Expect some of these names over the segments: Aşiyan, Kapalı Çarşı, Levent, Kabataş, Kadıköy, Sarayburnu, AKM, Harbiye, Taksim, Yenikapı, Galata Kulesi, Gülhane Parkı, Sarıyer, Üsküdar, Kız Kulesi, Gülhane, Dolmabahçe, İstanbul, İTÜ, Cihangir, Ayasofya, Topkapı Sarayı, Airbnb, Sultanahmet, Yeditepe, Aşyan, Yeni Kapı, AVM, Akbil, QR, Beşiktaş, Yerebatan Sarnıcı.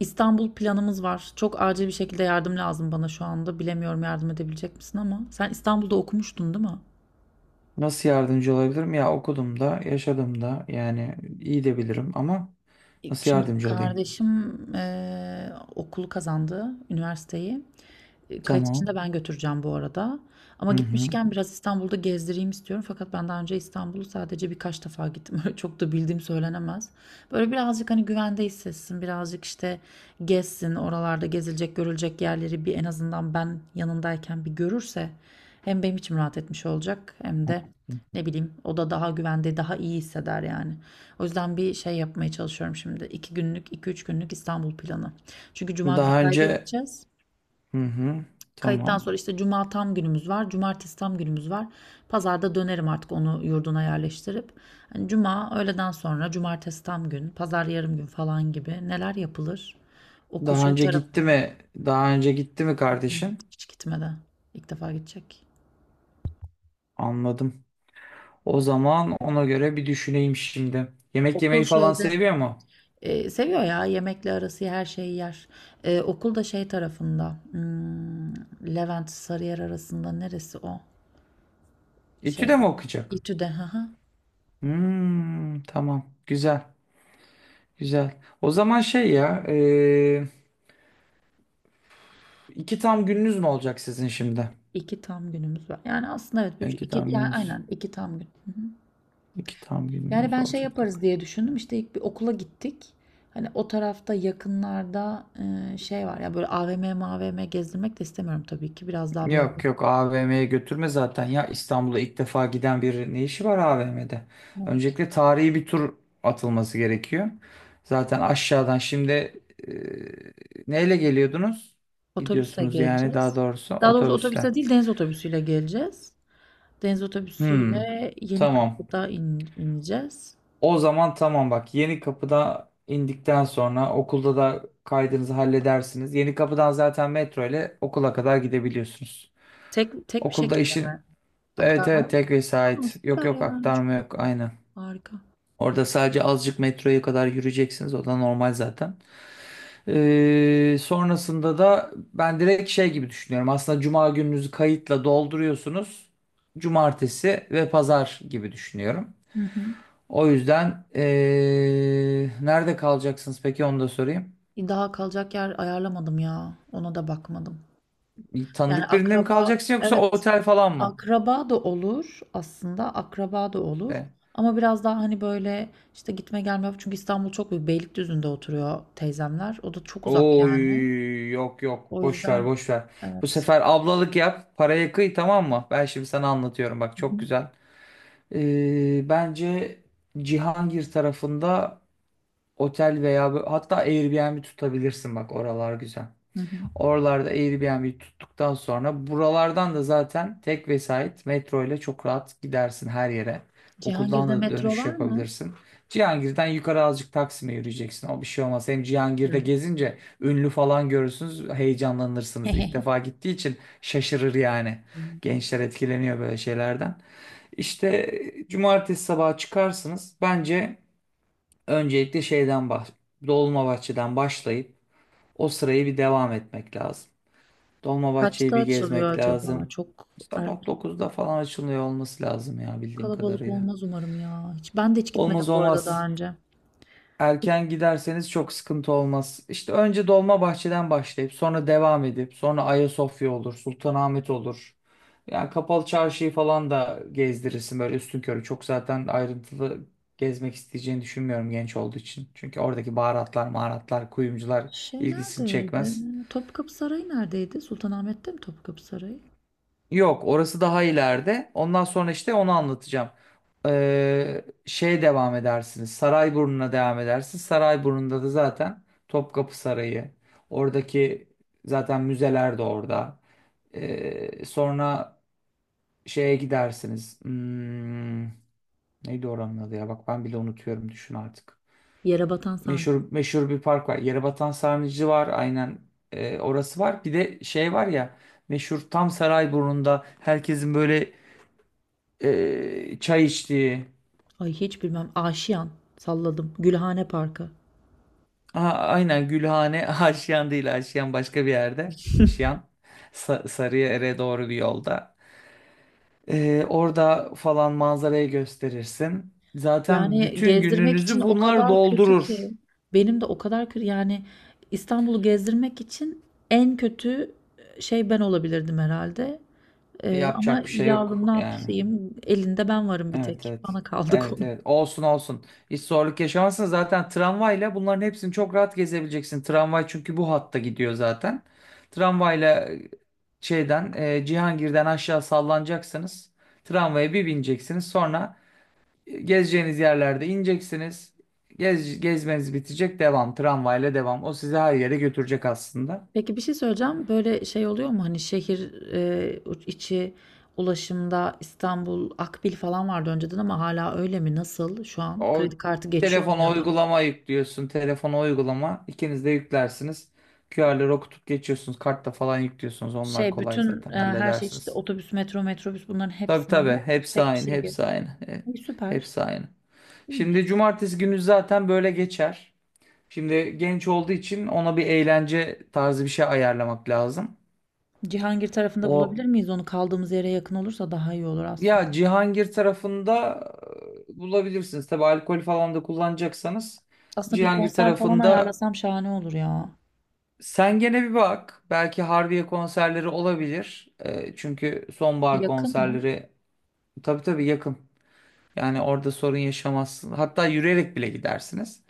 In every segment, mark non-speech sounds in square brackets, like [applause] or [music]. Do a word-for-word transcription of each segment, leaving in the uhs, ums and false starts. İstanbul planımız var. Çok acil bir şekilde yardım lazım bana şu anda. Bilemiyorum yardım edebilecek misin ama sen İstanbul'da okumuştun, değil mi? Nasıl yardımcı olabilirim? Ya okudum da, yaşadım da yani iyi de bilirim ama nasıl Şimdi yardımcı olayım? kardeşim eee, okulu kazandı, üniversiteyi. E, Kayıt için Tamam. de ben götüreceğim bu arada. Ama Hı hı. gitmişken biraz İstanbul'da gezdireyim istiyorum. Fakat ben daha önce İstanbul'u sadece birkaç defa gittim. [laughs] Öyle çok da bildiğim söylenemez. Böyle birazcık hani güvende hissetsin. Birazcık işte gezsin. Oralarda gezilecek, görülecek yerleri bir en azından ben yanındayken bir görürse hem benim içim rahat etmiş olacak hem de ne bileyim o da daha güvende, daha iyi hisseder yani. O yüzden bir şey yapmaya çalışıyorum şimdi. İki günlük, iki üç günlük İstanbul planı. Çünkü Cuma günü Daha kayda önce gideceğiz. Hı hı. Kayıttan Tamam. sonra işte Cuma tam günümüz var. Cumartesi tam günümüz var. Pazarda dönerim artık onu yurduna yerleştirip. Hani Cuma öğleden sonra, Cumartesi tam gün, Pazar yarım gün falan gibi neler yapılır? Okul Daha şey önce gitti tarafına mi? Daha önce gitti mi kardeşin? hiç gitmeden. İlk defa gidecek. Anladım. O zaman ona göre bir düşüneyim şimdi. Yemek Okul yemeyi falan şeyde. seviyor mu? E, seviyor ya yemekle arası her şeyi yer. E, okul da şey tarafında. hmm, Levent Sarıyer arasında neresi o? İTÜ de Şeyde. mi okuyacak? İTÜ'de. Hı hı. Hmm, tamam. Güzel. Güzel. O zaman şey ya, e, iki tam gününüz mü olacak sizin şimdi? İki tam günümüz var. Yani aslında evet. bir, üç- İki iki, tam yani gününüz. aynen iki tam gün. İki tam Yani gününüz ben şey olacak. yaparız diye düşündüm. İşte ilk bir okula gittik. Hani o tarafta yakınlarda e, şey var ya böyle A V M mavm gezdirmek de istemiyorum tabii ki. Biraz daha böyle. Yok yok, A V M'ye götürme zaten ya, İstanbul'a ilk defa giden bir ne işi var A V M'de? Evet. Öncelikle tarihi bir tur atılması gerekiyor. Zaten aşağıdan şimdi e, neyle geliyordunuz? Otobüsle Gidiyorsunuz yani daha geleceğiz. doğrusu Daha doğrusu otobüsle. otobüsle değil deniz otobüsüyle geleceğiz. Deniz Hmm, otobüsüyle tamam. Yenikapı'da in, ineceğiz. O zaman tamam bak, Yeni Kapı'da indikten sonra okulda da kaydınızı halledersiniz. Yeni Kapı'dan zaten metro ile okula kadar gidebiliyorsunuz. Tek tek bir Okulda şekilde işi mi? Evet evet, Aktarma. tek Aa, vesait. Yok süper yok, ya. aktarma Çok iyi. yok, aynı. Harika. Orada sadece azıcık metroya kadar yürüyeceksiniz. O da normal zaten. Ee, sonrasında da ben direkt şey gibi düşünüyorum. Aslında cuma gününüzü kayıtla dolduruyorsunuz. Cumartesi ve pazar gibi düşünüyorum. Hı hı. O yüzden ee, nerede kalacaksınız peki, onu da sorayım. Daha kalacak yer ayarlamadım ya. Ona da bakmadım. Bir Yani tanıdık birinde mi akraba, kalacaksın yoksa evet, otel falan mı? akraba da olur aslında akraba da olur. İşte. Ama biraz daha hani böyle işte gitme gelme çünkü İstanbul çok büyük. Beylikdüzü'nde oturuyor teyzemler. O da çok uzak yani. Oy, yok yok, O boş ver yüzden boş ver. Bu evet. sefer ablalık yap, paraya kıy, tamam mı? Ben şimdi sana anlatıyorum bak, Hı hı. çok güzel. Ee, bence Cihangir tarafında otel veya bö- hatta Airbnb tutabilirsin bak, oralar güzel. Hı hı. Oralarda Airbnb tuttuktan sonra buralardan da zaten tek vesait metro ile çok rahat gidersin her yere. Okuldan Cihangir'de da metro dönüş var mı? yapabilirsin. Cihangir'den yukarı azıcık Taksim'e yürüyeceksin. O bir şey olmaz. Hem Cihangir'de Hı. gezince ünlü falan görürsünüz, heyecanlanırsınız. İlk defa [laughs] gittiği için şaşırır yani. Gençler etkileniyor böyle şeylerden. İşte, e, cumartesi sabahı çıkarsınız. Bence öncelikle şeyden bah Dolmabahçe'den başlayıp o sırayı bir devam etmek lazım. Dolmabahçe'yi Kaçta bir açılıyor gezmek acaba? lazım. Çok Sabah erken, dokuzda falan açılıyor olması lazım ya, bildiğim kalabalık kadarıyla. olmaz umarım ya. Hiç, ben de hiç gitmedim Olmaz bu arada daha olmaz. önce. Erken giderseniz çok sıkıntı olmaz. İşte önce Dolmabahçe'den başlayıp sonra devam edip sonra Ayasofya olur, Sultanahmet olur. Yani Kapalı Çarşı'yı falan da gezdirirsin böyle üstünkörü. Çok zaten ayrıntılı gezmek isteyeceğini düşünmüyorum genç olduğu için. Çünkü oradaki baharatlar, maharatlar, kuyumcular Şey ilgisini neredeydi? çekmez. Topkapı Sarayı neredeydi? Sultanahmet'te mi Topkapı Sarayı? Yok, orası daha ileride. Ondan sonra işte onu anlatacağım. Ee, şey devam edersiniz. Sarayburnu'na devam edersiniz. Sarayburnu'nda da zaten Topkapı Sarayı. Oradaki zaten müzeler de orada. Ee, sonra şeye gidersiniz. Hmm, neydi oranın adı ya? Bak ben bile unutuyorum, düşün artık. Yere batan sarnıcı. Meşhur meşhur bir park var. Yerebatan Sarnıcı var. Aynen. Ee, orası var. Bir de şey var ya, meşhur, tam Sarayburnu'nda herkesin böyle ee, çay içtiği. Ay hiç bilmem. Aşiyan, salladım. Gülhane Parkı. Aha, aynen Gülhane. [laughs] Aşyan değil, Aşyan başka bir yerde. Aşyan Sa Sarıyer'e doğru bir yolda. Ee, orada falan manzarayı gösterirsin. Zaten Yani bütün gezdirmek için gününüzü o bunlar kadar kötü ki. doldurur. Benim de o kadar kötü. Yani İstanbul'u gezdirmek için en kötü e, şey ben olabilirdim herhalde. Eee, ama Yapacak bir şey yok yavrum ne yani. yapayım? Elinde ben varım bir Evet tek. evet. Bana kaldı [laughs] Evet konu. evet. Olsun olsun. Hiç zorluk yaşamazsın. Zaten tramvayla bunların hepsini çok rahat gezebileceksin. Tramvay çünkü bu hatta gidiyor zaten. Tramvayla e, şeyden e, Cihangir'den aşağı sallanacaksınız. Tramvaya bir bineceksiniz. Sonra e, gezeceğiniz yerlerde ineceksiniz. Gez, gezmeniz bitecek. Devam. Tramvayla devam. O sizi her yere götürecek aslında. Peki bir şey söyleyeceğim. Böyle şey oluyor mu? Hani şehir eee, içi ulaşımda İstanbul Akbil falan vardı önceden ama hala öyle mi? Nasıl şu an? O, Kredi kartı geçiyor mu telefona ya da? uygulama yüklüyorsun. Telefona uygulama. İkiniz de yüklersiniz. Q R'ları okutup geçiyorsunuz. Kartta falan yüklüyorsunuz. Onlar Şey kolay bütün zaten. e, her şey işte Halledersiniz. otobüs, metro, metrobüs bunların Tabii hepsinde tabii. Hepsi tek bir aynı. şey gibi. Hepsi aynı. E, İyi, süper. Hepsi aynı. Şimdi İyiymiş. cumartesi günü zaten böyle geçer. Şimdi genç olduğu için ona bir eğlence tarzı bir şey ayarlamak lazım. Cihangir tarafında O bulabilir miyiz onu? Kaldığımız yere yakın olursa daha iyi olur aslında. ya, Cihangir tarafında e, bulabilirsiniz. Tabii alkol falan da kullanacaksanız Aslında bir Cihangir konser falan tarafında. ayarlasam şahane olur ya. Sen gene bir bak. Belki Harbiye konserleri olabilir. Ee, çünkü sonbahar Yakın mı? konserleri, tabii tabii yakın. Yani orada sorun yaşamazsın. Hatta yürüyerek bile gidersiniz.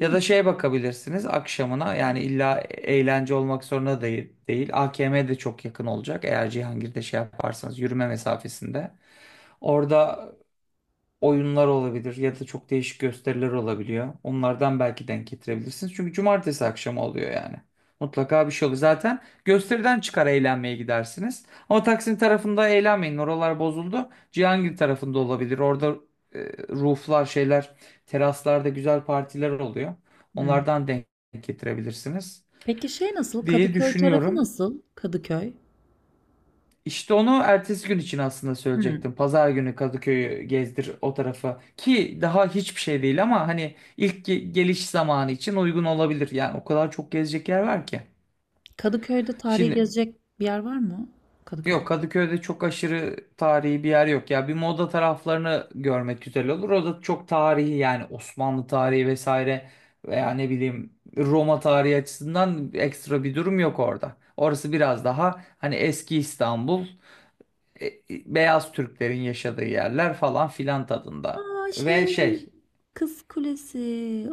Ya da şeye bakabilirsiniz akşamına. Yani illa eğlence olmak zorunda değil, değil. A K M de çok yakın olacak. Eğer Cihangir'de şey yaparsanız yürüme mesafesinde. Orada oyunlar olabilir ya da çok değişik gösteriler olabiliyor. Onlardan belki denk getirebilirsiniz. Çünkü cumartesi akşamı oluyor yani. Mutlaka bir şey oluyor. Zaten gösteriden çıkar eğlenmeye gidersiniz. Ama Taksim tarafında eğlenmeyin. Oralar bozuldu. Cihangir tarafında olabilir. Orada e, rooflar, şeyler, teraslarda güzel partiler oluyor. Hıı. Onlardan denk getirebilirsiniz Peki şey nasıl? diye Kadıköy tarafı düşünüyorum. nasıl? Kadıköy. İşte onu ertesi gün için aslında Hıı. söyleyecektim. Pazar günü Kadıköy'ü gezdir o tarafa. Ki daha hiçbir şey değil ama hani ilk ge- geliş zamanı için uygun olabilir. Yani o kadar çok gezecek yer var ki. Kadıköy'de tarihi Şimdi, gezecek bir yer var mı? Kadıköy'de. yok Kadıköy'de çok aşırı tarihi bir yer yok. Ya bir moda taraflarını görmek güzel olur. O da çok tarihi yani, Osmanlı tarihi vesaire veya ne bileyim Roma tarihi açısından ekstra bir durum yok orada. Orası biraz daha hani eski İstanbul, e, e, beyaz Türklerin yaşadığı yerler falan filan tadında. A! Şey, Ve şey, Kız Kulesi.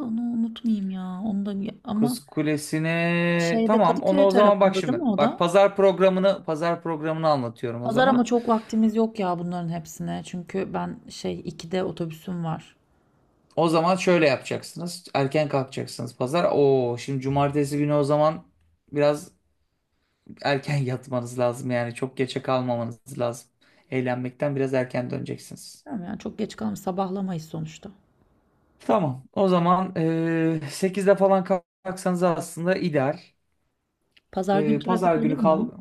Onu unutmayayım ya. Onu da ya ama Kız Kulesi'ni, şeyde tamam onu Kadıköy o zaman bak tarafında değil şimdi. mi o Bak, da? pazar programını pazar programını anlatıyorum o Pazar ama zaman. çok vaktimiz yok ya bunların hepsine. Çünkü ben şey ikide otobüsüm var. O zaman şöyle yapacaksınız. Erken kalkacaksınız pazar. Oo şimdi cumartesi günü o zaman biraz erken [laughs] yatmanız lazım yani çok geçe kalmamanız lazım. Eğlenmekten biraz erken döneceksiniz. Tamam yani çok geç kalmış. Sabahlamayız sonuçta. Tamam. O zaman eee sekizde falan kalksanız aslında ideal. Pazar gün Eee, pazar trafik olur günü mu? kal.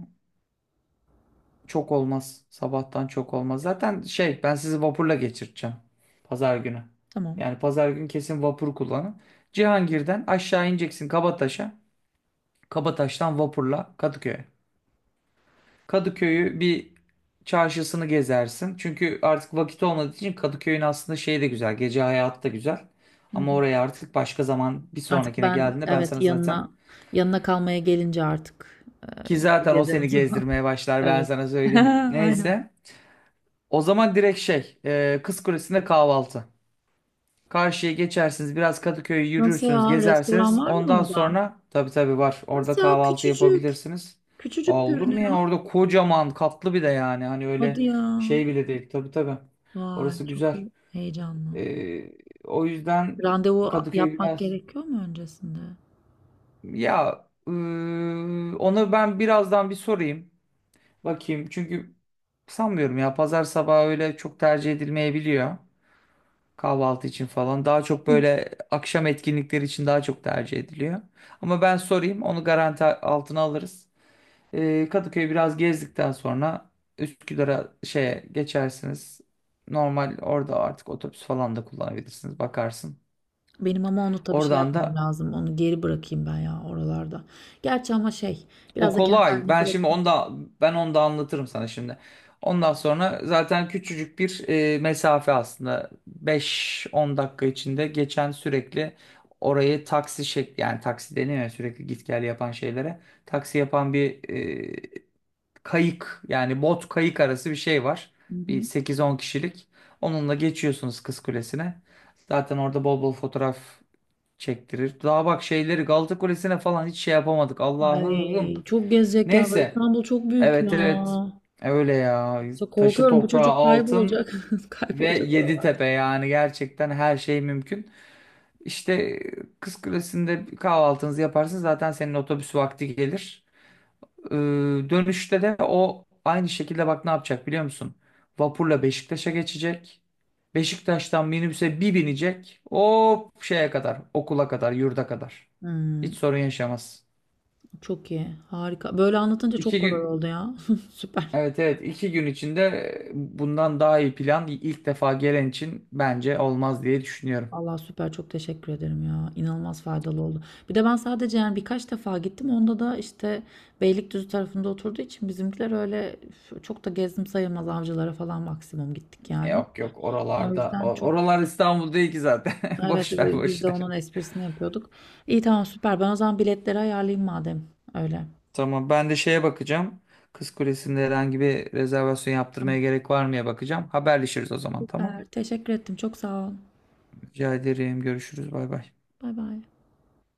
çok olmaz. Sabahtan çok olmaz. Zaten şey, ben sizi vapurla geçirteceğim. Pazar günü. Tamam. Yani pazar gün kesin vapur kullanın. Cihangir'den aşağı ineceksin Kabataş'a. Kabataş'tan vapurla Kadıköy'e. Kadıköy'ü bir, çarşısını gezersin. Çünkü artık vakit olmadığı için Kadıköy'ün aslında şeyi de güzel. Gece hayatı da güzel. Hı Ama hı. oraya artık başka zaman, bir Artık sonrakine ben, geldiğinde ben evet, sana zaten, yanına yanına kalmaya gelince artık ki zaten o gezerim o seni zaman. [laughs] gezdirmeye başlar, ben Evet. sana [laughs] söyleyeyim. Aynen. Neyse. O zaman direkt şey, e, Kız Kulesi'nde kahvaltı. Karşıya geçersiniz, biraz Kadıköy'ü Nasıl yürürsünüz, ya? Restoran gezersiniz. var mı Ondan orada? sonra, tabii tabii var. Orada Nasıl ya? kahvaltı Küçücük. yapabilirsiniz. Küçücük Aa, olur mu ya? görünüyor. Orada kocaman katlı bir de yani. Hani öyle Hadi ya. şey bile değil. Tabii tabii. Vay Orası çok güzel. he- heyecanlı. E, O yüzden Randevu a- Kadıköy yapmak biraz gerekiyor mu öncesinde? ya, e, onu ben birazdan bir sorayım. Bakayım. Çünkü sanmıyorum ya, pazar sabahı öyle çok tercih edilmeyebiliyor. Kahvaltı için falan. Daha çok Yok. böyle akşam etkinlikleri için daha çok tercih ediliyor. Ama ben sorayım, onu garanti altına alırız. Ee, Kadıköy'ü biraz gezdikten sonra Üsküdar'a, şeye geçersiniz. Normal orada artık otobüs falan da kullanabilirsiniz. Bakarsın. Benim ama onu tabii şey Oradan yapmam da lazım. Onu geri bırakayım ben ya oralarda. Gerçi ama şey O biraz da kendi kolay. haline Ben şimdi bırakayım. onu da, ben onu da anlatırım sana şimdi. Ondan sonra zaten küçücük bir e, mesafe aslında. Beş on dakika içinde geçen, sürekli orayı taksi şekli, yani taksi deniyor ya sürekli git gel yapan şeylere. Taksi yapan bir e, kayık, yani bot kayık arası bir şey var. Hı Bir hı. sekiz on kişilik. Onunla geçiyorsunuz Kız Kulesi'ne. Zaten orada bol bol fotoğraf çektirir. Daha bak şeyleri, Galata Kulesi'ne falan hiç şey yapamadık. Allah'ım. Ay çok gezecek yer var. Neyse. İstanbul çok büyük ya. Evet evet. Öyle ya. So- Taşı korkuyorum bu toprağı çocuk kaybolacak. altın [laughs] ve Kaybolacak oralar. Yeditepe, yani gerçekten her şey mümkün. İşte Kız Kulesi'nde bir kahvaltınızı yaparsın, zaten senin otobüs vakti gelir. Ee, Dönüşte de o aynı şekilde, bak ne yapacak biliyor musun? Vapurla Beşiktaş'a geçecek. Beşiktaş'tan minibüse bir binecek. O şeye kadar, okula kadar, yurda kadar. Hmm, Hiç sorun yaşamaz. çok iyi. Harika. Böyle anlatınca çok İki kolay gün oldu ya. [laughs] Süper. Evet evet, iki gün içinde bundan daha iyi plan ilk defa gelen için bence olmaz diye düşünüyorum. Allah süper çok teşekkür ederim ya. İnanılmaz faydalı oldu. Bir de ben sadece yani birkaç defa gittim. Onda da işte Beylikdüzü tarafında oturduğu için bizimkiler öyle üf, çok da gezdim sayılmaz avcılara falan maksimum gittik yani. Yok yok O oralarda. O- yüzden çok, Oralar İstanbul değil ki zaten. [laughs] evet, Boş ver biz boş de ver. onun esprisini yapıyorduk. İyi tamam süper. Ben o zaman biletleri ayarlayayım madem öyle. Tamam, ben de şeye bakacağım. Kız Kulesi'nde herhangi bir rezervasyon Tamam yaptırmaya gerek var mıya bakacağım. Haberleşiriz o zaman, tamam. süper. Teşekkür ettim. Çok sağ ol. Rica ederim. Görüşürüz. Bay bay. Bay bay.